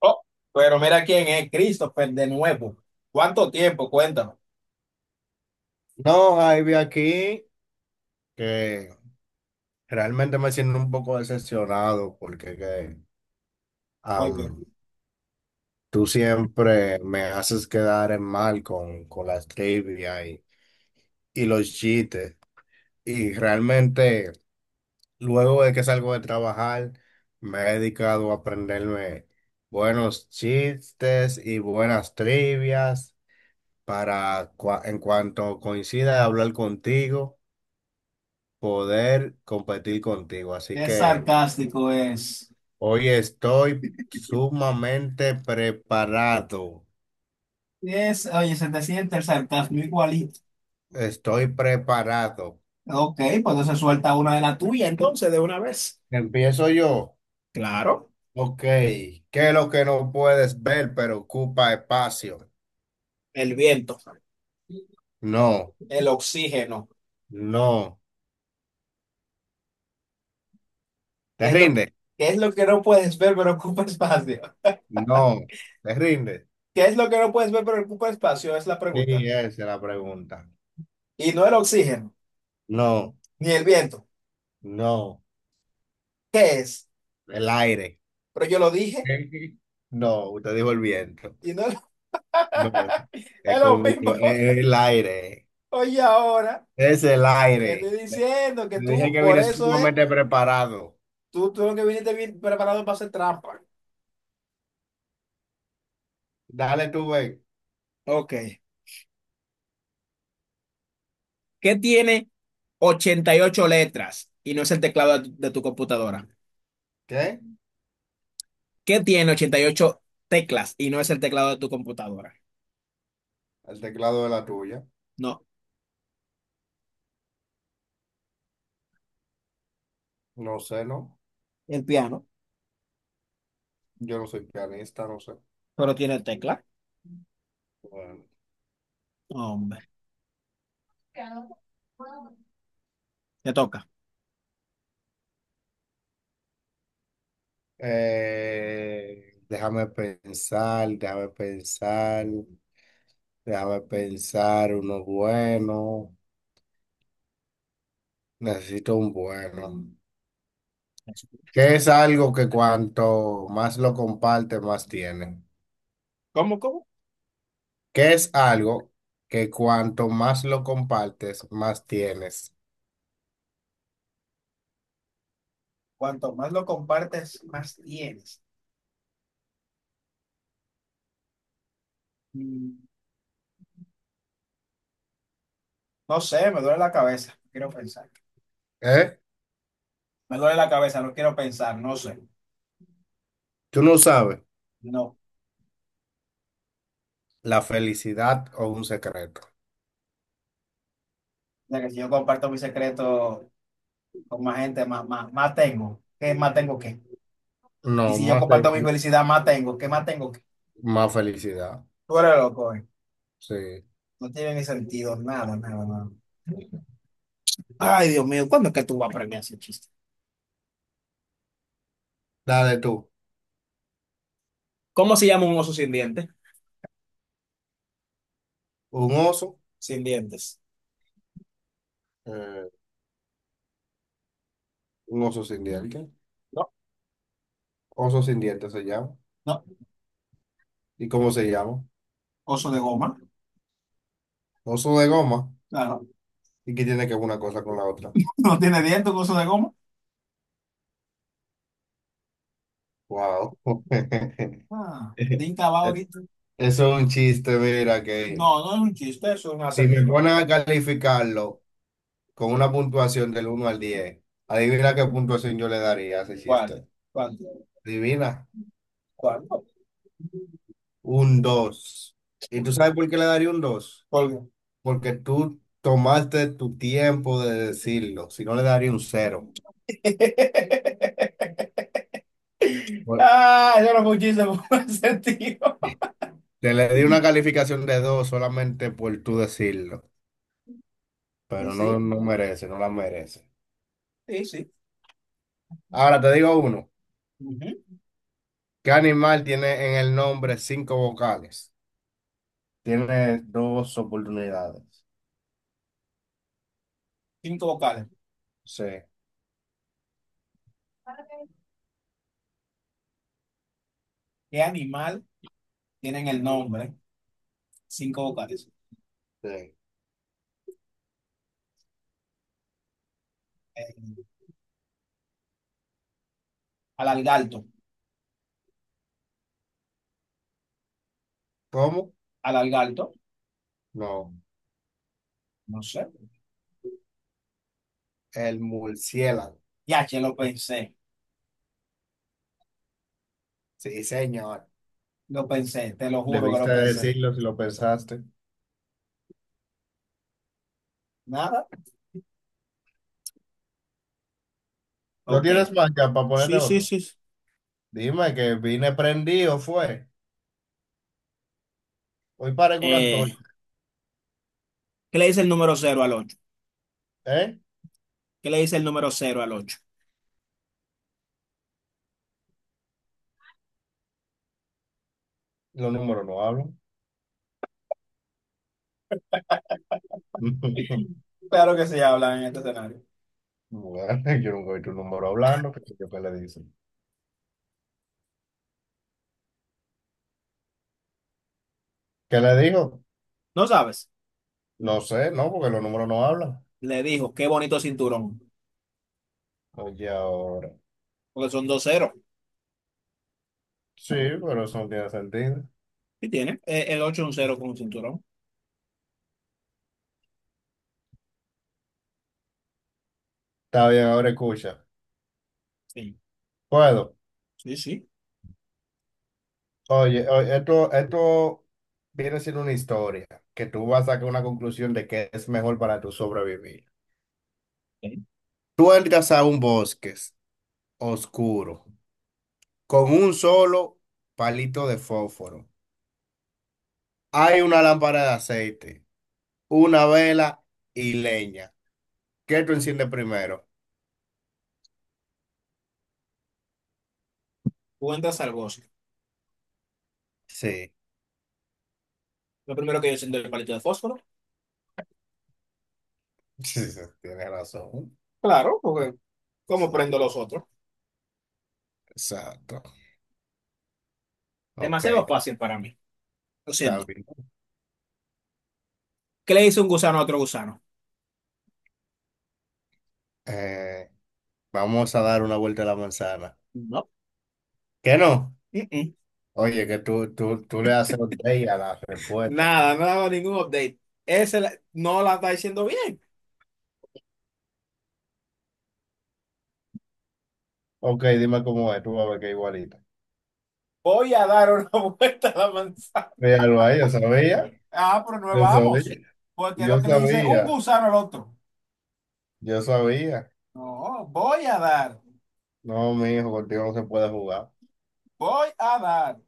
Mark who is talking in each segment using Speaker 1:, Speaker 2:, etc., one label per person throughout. Speaker 1: Oh, pero mira quién es, Christopher, de nuevo. ¿Cuánto tiempo? Cuéntame.
Speaker 2: No, Javi, aquí que realmente me siento un poco decepcionado porque
Speaker 1: Porque
Speaker 2: am, tú siempre me haces quedar en mal con las trivia y los chistes. Y realmente, luego de que salgo de trabajar, me he dedicado a aprenderme buenos chistes y buenas trivias para, en cuanto coincida hablar contigo, poder competir contigo. Así
Speaker 1: qué
Speaker 2: que.
Speaker 1: sarcástico es.
Speaker 2: Hoy estoy sumamente preparado.
Speaker 1: Es, oye, se te siente el sarcasmo igualito.
Speaker 2: Estoy preparado.
Speaker 1: Ok, pues entonces suelta una de la tuya, entonces, de una vez.
Speaker 2: Empiezo yo.
Speaker 1: Claro,
Speaker 2: Ok. ¿Qué es lo que no puedes ver, pero ocupa espacio?
Speaker 1: el viento,
Speaker 2: No,
Speaker 1: el oxígeno.
Speaker 2: no. ¿Te
Speaker 1: ¿Qué es lo que,
Speaker 2: rinde?
Speaker 1: qué es lo que no puedes ver pero ocupa espacio?
Speaker 2: No. ¿Te rinde?
Speaker 1: ¿Qué es lo que no puedes ver pero ocupa espacio? Es la pregunta.
Speaker 2: Sí, esa es la pregunta.
Speaker 1: Y no el oxígeno,
Speaker 2: No,
Speaker 1: ni el viento.
Speaker 2: no.
Speaker 1: ¿Qué es?
Speaker 2: El aire.
Speaker 1: Pero yo lo dije
Speaker 2: No, usted dijo el viento.
Speaker 1: y no
Speaker 2: No. Es
Speaker 1: es lo
Speaker 2: como yo-
Speaker 1: mismo.
Speaker 2: es el aire.
Speaker 1: Oye, ahora,
Speaker 2: Es el
Speaker 1: te estoy
Speaker 2: aire.
Speaker 1: diciendo que
Speaker 2: Le dije
Speaker 1: tú,
Speaker 2: que
Speaker 1: por
Speaker 2: vine
Speaker 1: eso es,
Speaker 2: sumamente preparado.
Speaker 1: tú lo que viniste bien preparado para hacer trampa.
Speaker 2: Dale tú, ve.
Speaker 1: Ok. ¿Qué tiene 88 letras y no es el teclado de tu computadora?
Speaker 2: ¿Qué?
Speaker 1: ¿Qué tiene 88 teclas y no es el teclado de tu computadora?
Speaker 2: El teclado de la tuya.
Speaker 1: No,
Speaker 2: No sé, ¿no?
Speaker 1: el piano,
Speaker 2: Yo no soy pianista, no sé.
Speaker 1: pero tiene tecla.
Speaker 2: Bueno.
Speaker 1: No, hombre. Te toca.
Speaker 2: Déjame pensar, déjame pensar, déjame pensar uno bueno. Necesito un bueno. ¿Qué es algo que cuanto más lo comparte, más tiene?
Speaker 1: ¿Cómo, cómo?
Speaker 2: ¿Qué es algo que cuanto más lo compartes, más tienes?
Speaker 1: Cuanto más lo compartes, más tienes. Mm, No sé, me duele la cabeza. No quiero pensar.
Speaker 2: ¿Eh?
Speaker 1: Me duele la cabeza, no quiero pensar, no sé.
Speaker 2: Tú no sabes
Speaker 1: No. O
Speaker 2: la felicidad o un secreto.
Speaker 1: sea, que si yo comparto mi secreto con más gente, más tengo. ¿Qué más tengo qué? Y
Speaker 2: No,
Speaker 1: si yo
Speaker 2: más, fe-
Speaker 1: comparto mi felicidad, más tengo. ¿Qué más tengo?
Speaker 2: más felicidad.
Speaker 1: Fuera loco, eh.
Speaker 2: Sí.
Speaker 1: No tiene ni sentido, nada. Ay, Dios mío, ¿cuándo es que tú vas a aprender a hacer chiste?
Speaker 2: Dale tú.
Speaker 1: ¿Cómo se llama un oso sin dientes?
Speaker 2: Un oso.
Speaker 1: Sin dientes.
Speaker 2: Eh, un oso sin dientes.
Speaker 1: No,
Speaker 2: Oso sin dientes se llama.
Speaker 1: no.
Speaker 2: ¿Y cómo se llama?
Speaker 1: Oso de goma.
Speaker 2: Oso de goma.
Speaker 1: Claro.
Speaker 2: ¿Y qué tiene que ver una cosa con la otra?
Speaker 1: No tiene dientes, un oso de goma.
Speaker 2: Wow.
Speaker 1: Ah, tinta va ahorita.
Speaker 2: Eso es un chiste, mira,
Speaker 1: No,
Speaker 2: que
Speaker 1: no es un chiste, eso es un
Speaker 2: si me
Speaker 1: acertijo.
Speaker 2: ponen a calificarlo con una puntuación del uno al diez, adivina qué puntuación yo le daría a ese
Speaker 1: ¿Cuál?
Speaker 2: chiste.
Speaker 1: ¿Cuál?
Speaker 2: Divina.
Speaker 1: ¿Cuál?
Speaker 2: Un dos. ¿Y tú sabes por qué le daría un dos?
Speaker 1: ¿Cuál?
Speaker 2: Porque tú tomaste tu tiempo de decirlo. Si no, le daría un cero. Bueno,
Speaker 1: Ah, eso no fue un chiste, fue un acertijo.
Speaker 2: te le di una calificación de 2 solamente por tú decirlo.
Speaker 1: Sí,
Speaker 2: Pero no,
Speaker 1: sí,
Speaker 2: no merece, no la merece.
Speaker 1: sí, sí.
Speaker 2: Ahora te digo uno.
Speaker 1: Ujú.
Speaker 2: ¿Qué animal tiene en el nombre cinco vocales? Tiene dos oportunidades.
Speaker 1: Cinco vocales.
Speaker 2: Sí,
Speaker 1: ¿Qué animal? Tienen el nombre, cinco vocales.
Speaker 2: sí.
Speaker 1: Eh, alargalto,
Speaker 2: ¿Cómo?
Speaker 1: alargalto,
Speaker 2: No.
Speaker 1: no sé.
Speaker 2: El murciélago.
Speaker 1: Ya, che,
Speaker 2: Sí, señor.
Speaker 1: lo pensé, te lo juro que lo
Speaker 2: Debiste
Speaker 1: pensé.
Speaker 2: decirlo si lo pensaste.
Speaker 1: Nada.
Speaker 2: No
Speaker 1: Ok.
Speaker 2: tienes marca para ponerte
Speaker 1: Sí, sí,
Speaker 2: otro.
Speaker 1: sí.
Speaker 2: Dime que vine prendido, fue. Hoy parezco una antorcha,
Speaker 1: Eh, ¿Qué le dice el número cero al ocho?
Speaker 2: ¿eh?
Speaker 1: ¿Qué le dice el número cero al ocho?
Speaker 2: Los números no hablan.
Speaker 1: Claro que se habla en este escenario.
Speaker 2: Bueno, yo nunca oí tu número hablando. ¿Qué, qué- qué le dicen? ¿Qué le dijo?
Speaker 1: No sabes.
Speaker 2: No sé, no, porque los números no hablan.
Speaker 1: Le dijo, qué bonito cinturón.
Speaker 2: Oye, ahora.
Speaker 1: Porque son dos ceros.
Speaker 2: Sí, pero eso no tiene sentido.
Speaker 1: Sí, tiene. El ocho es un cero con un cinturón.
Speaker 2: Está bien, ahora escucha.
Speaker 1: Sí,
Speaker 2: Puedo.
Speaker 1: sí, sí.
Speaker 2: Oye, oye, esto viene siendo una historia que tú vas a sacar una conclusión de que es mejor para tu sobrevivir.
Speaker 1: Ok.
Speaker 2: Tú entras a un bosque oscuro con un solo palito de fósforo. Hay una lámpara de aceite, una vela y leña. ¿Qué tú enciendes primero?
Speaker 1: Tú entras al bosque.
Speaker 2: Sí,
Speaker 1: Lo primero que yo siento es el palito de fósforo.
Speaker 2: sí, sí, tienes razón.
Speaker 1: Claro, porque ¿cómo
Speaker 2: Sí,
Speaker 1: prendo los otros?
Speaker 2: exacto. Ok,
Speaker 1: Demasiado fácil para mí. Lo
Speaker 2: está
Speaker 1: siento.
Speaker 2: bien.
Speaker 1: ¿Qué le dice un gusano a otro gusano?
Speaker 2: Eh, vamos a dar una vuelta a la manzana.
Speaker 1: No.
Speaker 2: ¿Qué no?
Speaker 1: Mm-mm.
Speaker 2: Oye, que tú le haces update a la respuesta.
Speaker 1: Nada, no daba ningún update. Ese la- no la está diciendo bien.
Speaker 2: Ok, dime cómo es, tú vas a ver que es igualita.
Speaker 1: Voy a dar una vuelta a la manzana.
Speaker 2: Míralo ahí, yo sabía,
Speaker 1: Ah, pero no
Speaker 2: yo
Speaker 1: vamos.
Speaker 2: sabía,
Speaker 1: Porque es lo
Speaker 2: yo
Speaker 1: que le dice un
Speaker 2: sabía,
Speaker 1: gusano al otro.
Speaker 2: yo sabía.
Speaker 1: No, voy a dar,
Speaker 2: No, mi hijo, contigo no se puede jugar.
Speaker 1: voy a dar.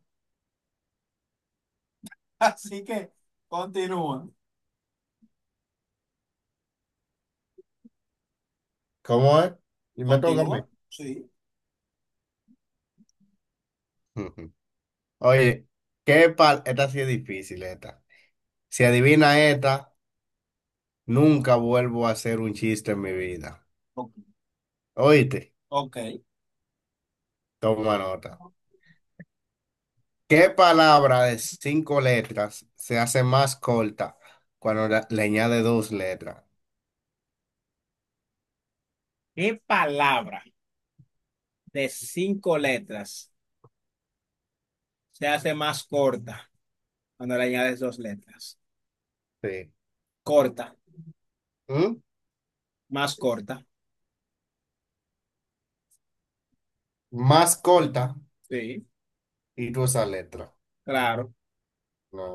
Speaker 1: Así que continúa.
Speaker 2: ¿Cómo es? Y me toca a mí.
Speaker 1: Continúa. Sí,
Speaker 2: Ujú. Oye, ¿qué pal? Esta sí es difícil, esta. Si adivina esta, nunca vuelvo a hacer un chiste en mi vida.
Speaker 1: ok.
Speaker 2: Oíste,
Speaker 1: Ok.
Speaker 2: toma nota. ¿Qué palabra de cinco letras se hace más corta cuando la- le añade dos letras?
Speaker 1: ¿Qué palabra de cinco letras se hace más corta cuando le añades dos letras?
Speaker 2: Sí.
Speaker 1: Corta.
Speaker 2: ¿Mm?
Speaker 1: Más corta,
Speaker 2: Más corta
Speaker 1: sí,
Speaker 2: y tú esa letra.
Speaker 1: claro.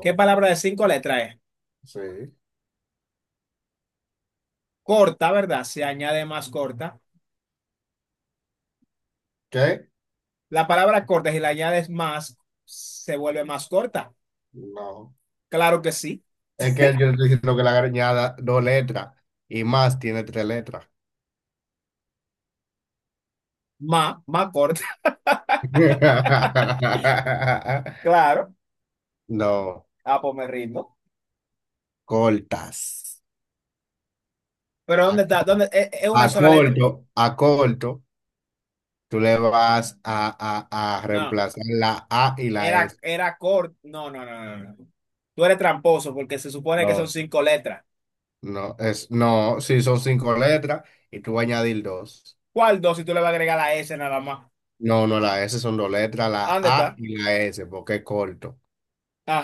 Speaker 1: ¿Qué palabra de cinco letras es?
Speaker 2: sí.
Speaker 1: Corta, ¿verdad? Se añade más corta.
Speaker 2: ¿Qué?
Speaker 1: La palabra corta, si la añades más, se vuelve más corta.
Speaker 2: No.
Speaker 1: Claro que sí.
Speaker 2: Es que yo estoy diciendo que la grañada dos letras y más tiene tres letras.
Speaker 1: Más, más corta. Claro.
Speaker 2: No,
Speaker 1: Ah, pues me rindo.
Speaker 2: cortas.
Speaker 1: Pero
Speaker 2: A,
Speaker 1: ¿dónde está? ¿Dónde? Es una sola letra?
Speaker 2: a corto, tú le vas a
Speaker 1: No,
Speaker 2: reemplazar la A y la
Speaker 1: era,
Speaker 2: S.
Speaker 1: era corta. No, no, no, no, no. Tú eres tramposo porque se supone que
Speaker 2: No,
Speaker 1: son cinco letras.
Speaker 2: no, es, no, si son cinco letras y tú vas a añadir dos.
Speaker 1: ¿Cuál dos si tú le vas a agregar la S nada más?
Speaker 2: No, no, la S son dos letras, la
Speaker 1: ¿Dónde
Speaker 2: A
Speaker 1: está?
Speaker 2: y la S, porque es corto.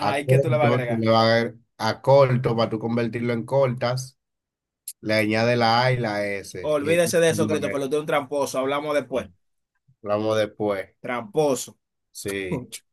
Speaker 2: A
Speaker 1: ¿y qué tú le vas a
Speaker 2: corto, tú le
Speaker 1: agregar?
Speaker 2: vas a corto para tú convertirlo en cortas. Le añade la A y la S. Y es-
Speaker 1: Olvídese de eso, Christopher, lo de un tramposo. Hablamos después.
Speaker 2: hablamos después.
Speaker 1: Tramposo.
Speaker 2: Sí.